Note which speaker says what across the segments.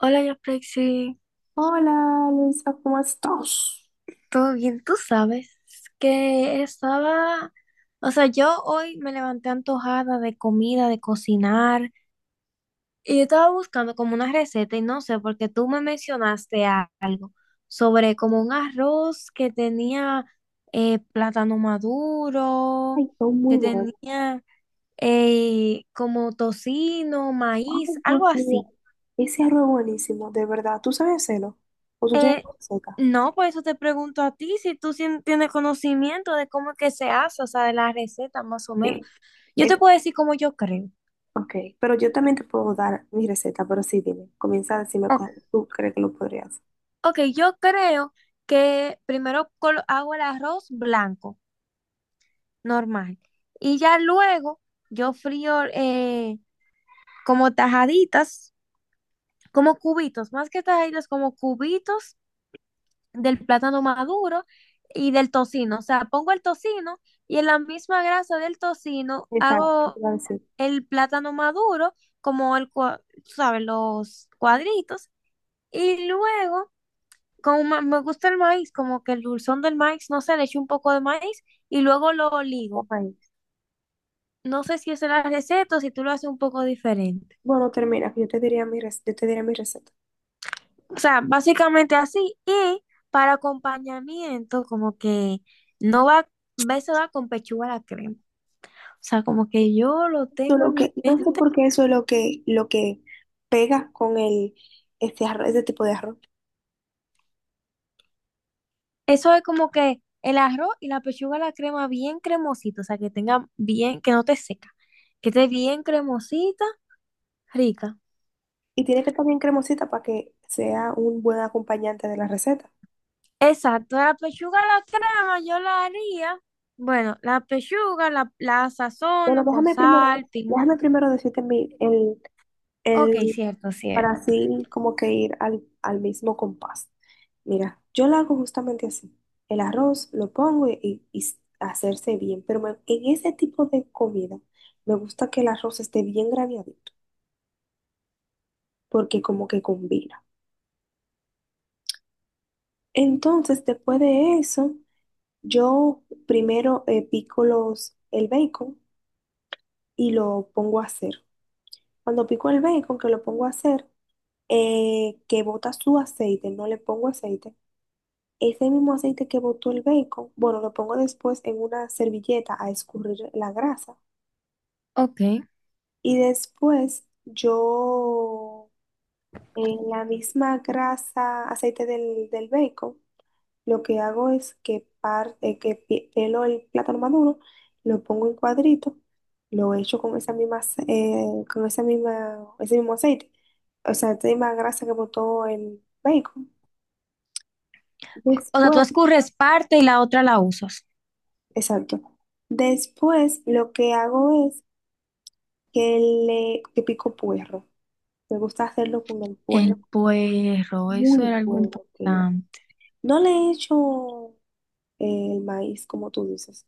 Speaker 1: Hola, Yaprexi,
Speaker 2: Hola, Luisa, ¿cómo estás?
Speaker 1: ¿todo bien? Tú sabes que estaba, o sea, yo hoy me levanté antojada de comida, de cocinar, y yo estaba buscando como una receta y no sé, porque tú me mencionaste algo sobre como un arroz que tenía plátano maduro,
Speaker 2: Ay, todo
Speaker 1: que
Speaker 2: muy bueno.
Speaker 1: tenía como tocino, maíz,
Speaker 2: Ay, Dios
Speaker 1: algo
Speaker 2: mío.
Speaker 1: así.
Speaker 2: Ese arroz buenísimo, de verdad. ¿Tú sabes hacerlo? ¿O tú tienes
Speaker 1: Eh,
Speaker 2: receta?
Speaker 1: no, por eso te pregunto a ti si tienes conocimiento de cómo es que se hace, o sea, de la receta más o menos.
Speaker 2: Sí.
Speaker 1: Yo te
Speaker 2: Es,
Speaker 1: puedo decir cómo yo creo.
Speaker 2: ok, pero yo también te puedo dar mi receta, pero sí, dime. Comienza a decirme
Speaker 1: Ok,
Speaker 2: cómo tú crees que lo podrías.
Speaker 1: ok, yo creo que primero hago el arroz blanco, normal, y ya luego yo frío como tajaditas, como cubitos, más que tajaditas, como cubitos del plátano maduro y del tocino. O sea, pongo el tocino y en la misma grasa del tocino
Speaker 2: Exacto, te
Speaker 1: hago
Speaker 2: iba a decir.
Speaker 1: el plátano maduro, como ¿sabes? Los cuadritos. Y luego, como me gusta el maíz, como que el dulzón del maíz, no sé, le echo un poco de maíz y luego lo ligo.
Speaker 2: Ay.
Speaker 1: No sé si esa es la receta o si tú lo haces un poco diferente.
Speaker 2: Bueno, termina, que yo te diría yo te diré mi receta.
Speaker 1: O sea, básicamente así. Y para acompañamiento, como que no va, eso va con pechuga a la crema. O sea, como que yo lo
Speaker 2: Yo
Speaker 1: tengo
Speaker 2: Lo
Speaker 1: en mi
Speaker 2: que, no sé
Speaker 1: mente.
Speaker 2: por qué eso es lo que pega con este arroz, ese tipo de arroz.
Speaker 1: Eso es como que el arroz y la pechuga, la crema bien cremosita, o sea, que tenga bien, que no te seca, que esté bien cremosita, rica.
Speaker 2: Y tiene que estar bien cremosita para que sea un buen acompañante de la receta.
Speaker 1: Exacto, la pechuga, la crema, yo la haría. Bueno, la pechuga la, la
Speaker 2: Bueno,
Speaker 1: sazono con
Speaker 2: déjame primero,
Speaker 1: sal, pimienta.
Speaker 2: déjame primero decirte el,
Speaker 1: Ok, cierto,
Speaker 2: para
Speaker 1: cierto.
Speaker 2: así como que ir al mismo compás. Mira, yo lo hago justamente así. El arroz lo pongo y hacerse bien, pero en ese tipo de comida me gusta que el arroz esté bien graneadito, porque como que combina. Entonces, después de eso, yo primero pico el bacon y lo pongo a hacer. Cuando pico el bacon, que lo pongo a hacer, que bota su aceite, no le pongo aceite. Ese mismo aceite que botó el bacon, bueno, lo pongo después en una servilleta a escurrir la grasa.
Speaker 1: Ok.
Speaker 2: Y después yo, en la misma grasa, aceite del bacon, lo que hago es que pelo el plátano maduro, lo pongo en cuadrito, lo echo con con esa misma, ese mismo aceite, o sea, esa misma grasa que botó el bacon.
Speaker 1: O sea, tú
Speaker 2: Después,
Speaker 1: escurres parte y la otra la usas.
Speaker 2: exacto. Después lo que hago es que le que pico puerro. Me gusta hacerlo con el puerro.
Speaker 1: El puerro, eso
Speaker 2: Muy
Speaker 1: era algo
Speaker 2: bueno queda.
Speaker 1: importante.
Speaker 2: No le he hecho el maíz, como tú dices.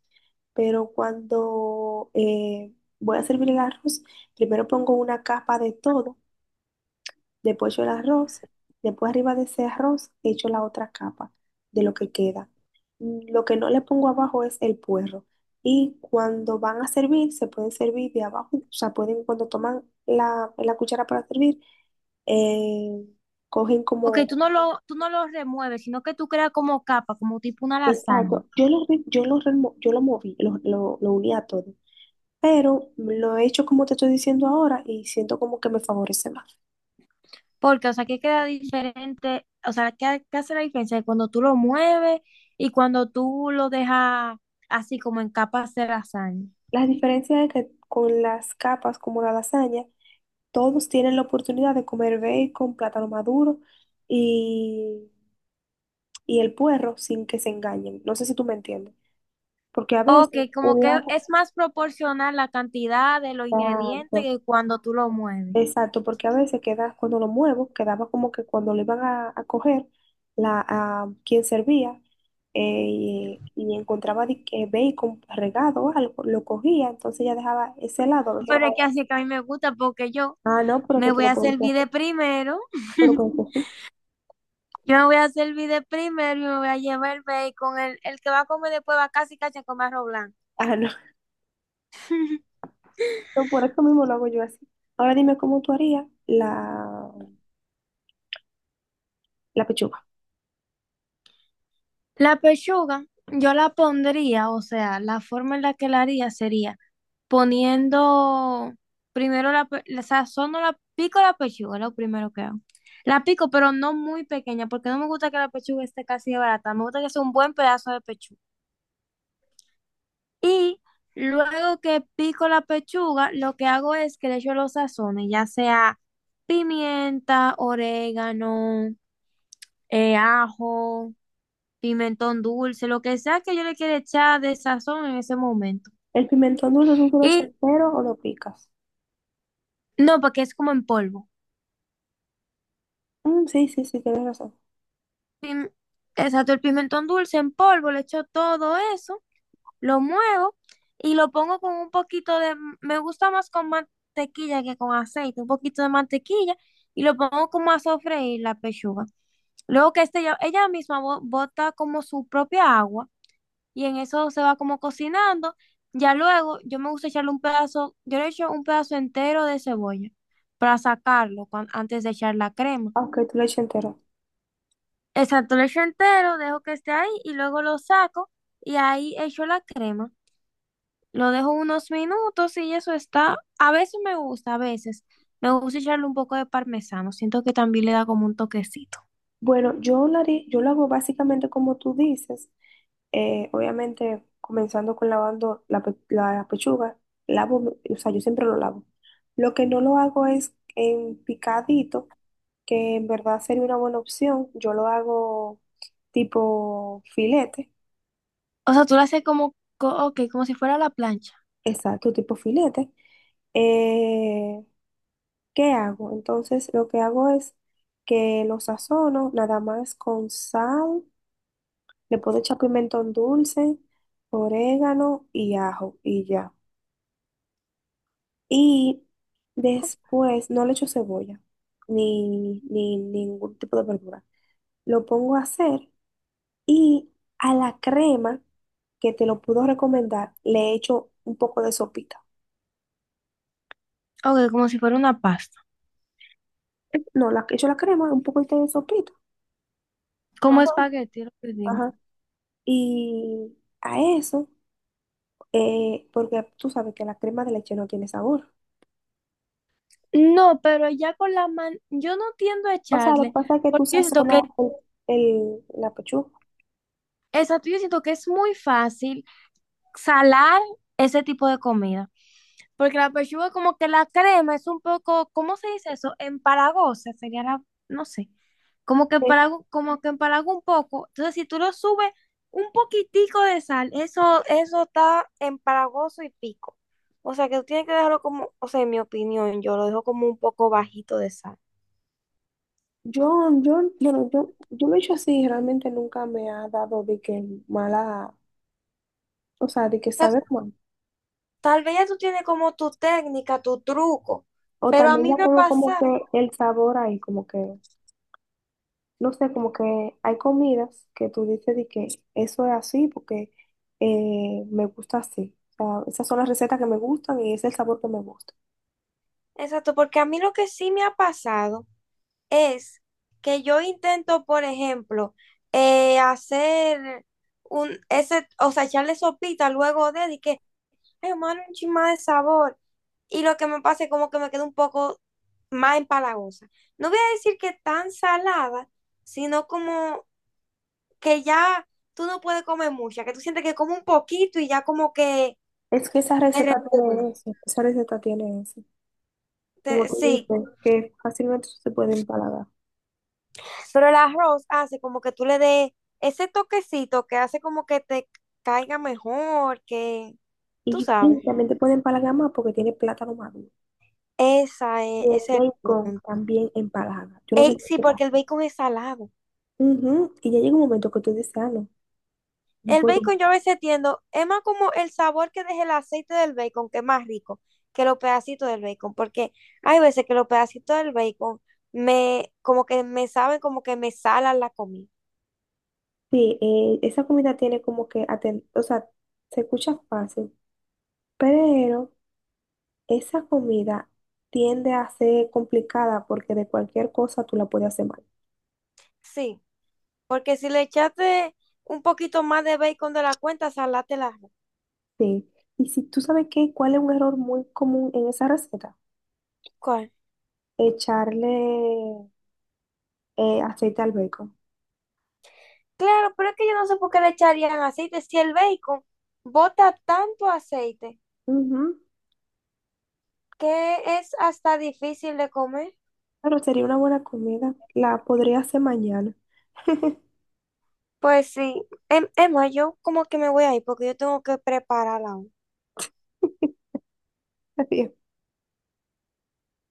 Speaker 2: Pero cuando voy a servir el arroz, primero pongo una capa de todo, después echo el arroz, después arriba de ese arroz echo la otra capa de lo que queda. Mm, lo que no le pongo abajo es el puerro. Y cuando van a servir, se pueden servir de abajo, o sea, pueden, cuando toman la cuchara para servir, eh, cogen
Speaker 1: Ok,
Speaker 2: como...
Speaker 1: tú no lo remueves, sino que tú creas como capa, como tipo una lasaña.
Speaker 2: Exacto, yo lo moví, lo uní a todo. Pero lo he hecho como te estoy diciendo ahora y siento como que me favorece más.
Speaker 1: Porque, o sea, que queda diferente, o sea, ¿qué, qué hace la diferencia cuando tú lo mueves y cuando tú lo dejas así como en capas de lasaña?
Speaker 2: La diferencia es que con las capas como la lasaña, todos tienen la oportunidad de comer bacon, plátano maduro y, y el puerro sin que se engañen. No sé si tú me entiendes, porque a veces
Speaker 1: Ok, como
Speaker 2: un
Speaker 1: que
Speaker 2: lado...
Speaker 1: es más proporcional la cantidad de los ingredientes que cuando tú lo mueves.
Speaker 2: Exacto, porque a veces queda, cuando lo muevo, quedaba como que cuando lo iban a coger, a quien servía, eh, y encontraba de que bacon regado o algo, lo cogía, entonces ya dejaba ese lado, lo
Speaker 1: Pero es que
Speaker 2: dejaba.
Speaker 1: así que a mí me gusta porque yo
Speaker 2: Ah, no, pero que
Speaker 1: me
Speaker 2: tú
Speaker 1: voy
Speaker 2: lo
Speaker 1: a
Speaker 2: puedes hacer,
Speaker 1: servir de primero,
Speaker 2: pero con tu fi-.
Speaker 1: yo me voy a servir de primero y me voy a llevar el bacon, el que va a comer después va casi casi a comer arroz blanco.
Speaker 2: Ah, no, no, por eso mismo lo hago yo así. Ahora dime cómo tú harías la pechuga.
Speaker 1: La pechuga, yo la pondría, o sea, la forma en la que la haría sería poniendo primero la sazono la pico la pechuga, lo primero que hago. La pico, pero no muy pequeña, porque no me gusta que la pechuga esté casi de barata, me gusta que sea un buen pedazo de pechuga. Y luego que pico la pechuga, lo que hago es que le echo los sazones, ya sea pimienta, orégano, ajo. Pimentón dulce, lo que sea que yo le quiera echar de sazón en ese momento.
Speaker 2: ¿El pimentón dulce es un dulce
Speaker 1: Y
Speaker 2: entero o lo picas?
Speaker 1: no, porque es como en polvo.
Speaker 2: Mm, sí, sí, sí, tienes razón.
Speaker 1: Pim- Exacto, el pimentón dulce en polvo, le echo todo eso, lo muevo y lo pongo con un poquito de, me gusta más con mantequilla que con aceite, un poquito de mantequilla y lo pongo como a sofreír la pechuga. Luego que este, ella misma bota como su propia agua y en eso se va como cocinando. Ya luego yo me gusta echarle un pedazo, yo le echo un pedazo entero de cebolla para sacarlo antes de echar la crema.
Speaker 2: Aunque tú le eches entero.
Speaker 1: Exacto, lo echo entero, dejo que esté ahí y luego lo saco y ahí echo la crema. Lo dejo unos minutos y eso está. A veces me gusta, a veces me gusta echarle un poco de parmesano. Siento que también le da como un toquecito.
Speaker 2: Yo lo hago básicamente como tú dices. Obviamente, comenzando con lavando la pechuga, o sea, yo siempre lo lavo. Lo que no lo hago es en picadito, que en verdad sería una buena opción. Yo lo hago tipo filete,
Speaker 1: O sea, tú lo haces como, ok, como si fuera la plancha.
Speaker 2: exacto, tipo filete. Eh, ¿Qué hago? Entonces, lo que hago es que lo sazono nada más con sal. Le puedo echar pimentón dulce, orégano y ajo y ya. Y después no le echo cebolla ni ningún tipo de verdura. Lo pongo a hacer y a la crema que te lo puedo recomendar le echo un poco de sopita.
Speaker 1: Ok, como si fuera una pasta.
Speaker 2: No, echo la crema, un poco de sopita.
Speaker 1: Como
Speaker 2: Ajá.
Speaker 1: espagueti, lo que digo.
Speaker 2: Ajá. Y a eso, porque tú sabes que la crema de leche no tiene sabor.
Speaker 1: No, pero ya con la mano, yo no tiendo a
Speaker 2: O sea, lo que
Speaker 1: echarle,
Speaker 2: pasa es que tú
Speaker 1: porque yo siento que,
Speaker 2: sazonas la pechuga.
Speaker 1: exacto, yo siento que es muy fácil salar ese tipo de comida, porque la pechuga como que la crema es un poco, ¿cómo se dice eso? Empalagosa, sería la, no sé,
Speaker 2: Eh,
Speaker 1: como que empalaga un poco, entonces si tú lo subes un poquitico de sal, eso está empalagoso y pico, o sea que tú tienes que dejarlo como, o sea, en mi opinión, yo lo dejo como un poco bajito de sal.
Speaker 2: Yo, yo lo he hecho así, realmente nunca me ha dado de que mala, o sea, de que
Speaker 1: O sea,
Speaker 2: sabe mal.
Speaker 1: tal vez ya tú tienes como tu técnica, tu truco,
Speaker 2: O
Speaker 1: pero a
Speaker 2: también
Speaker 1: mí
Speaker 2: ya
Speaker 1: me ha
Speaker 2: tengo como que
Speaker 1: pasado,
Speaker 2: el sabor ahí, como que, no sé, como que hay comidas que tú dices de que eso es así porque me gusta así. O sea, esas son las recetas que me gustan y ese es el sabor que me gusta.
Speaker 1: exacto, porque a mí lo que sí me ha pasado es que yo intento, por ejemplo, hacer un, ese, o sea, echarle sopita luego de, y que, ay, hermano, un chin más de sabor. Y lo que me pasa es como que me queda un poco más empalagosa. No voy a decir que tan salada, sino como que ya tú no puedes comer mucha, que tú sientes que comes un poquito y ya como que
Speaker 2: Es que esa
Speaker 1: te
Speaker 2: receta tiene
Speaker 1: repugna.
Speaker 2: eso, esa receta tiene eso. Como tú
Speaker 1: Sí,
Speaker 2: dices, que fácilmente se puede empalagar.
Speaker 1: pero el arroz hace como que tú le des ese toquecito que hace como que te caiga mejor, que tú
Speaker 2: Y sí,
Speaker 1: sabes.
Speaker 2: también te pueden empalagar más porque tiene plátano maduro.
Speaker 1: Esa
Speaker 2: Y
Speaker 1: es,
Speaker 2: el
Speaker 1: ese es el
Speaker 2: bacon
Speaker 1: punto.
Speaker 2: también empalaga. Yo no sé
Speaker 1: Ey,
Speaker 2: si
Speaker 1: sí,
Speaker 2: te pasa.
Speaker 1: porque el bacon es salado.
Speaker 2: Ujú. Y ya llega un momento que tú dices, ah, no, no
Speaker 1: El
Speaker 2: puedo más.
Speaker 1: bacon yo a veces tiendo, es más como el sabor que deja el aceite del bacon, que es más rico que los pedacitos del bacon, porque hay veces que los pedacitos del bacon me, como que me saben, como que me salan la comida.
Speaker 2: Sí, esa comida tiene como que, o sea, se escucha fácil, pero esa comida tiende a ser complicada porque de cualquier cosa tú la puedes hacer mal.
Speaker 1: Sí, porque si le echaste un poquito más de bacon de la cuenta, salate la
Speaker 2: Sí. Y si tú sabes qué, cuál es un error muy común en esa receta,
Speaker 1: ¿Cuál?
Speaker 2: echarle aceite al bacon.
Speaker 1: Claro, pero es que yo no sé por qué le echarían aceite si el bacon bota tanto aceite
Speaker 2: Ujú.
Speaker 1: que es hasta difícil de comer.
Speaker 2: Claro, sería una buena comida. La podría hacer mañana.
Speaker 1: Pues sí, Emma, yo como que me voy a ir porque yo tengo que preparar la U.
Speaker 2: Estaría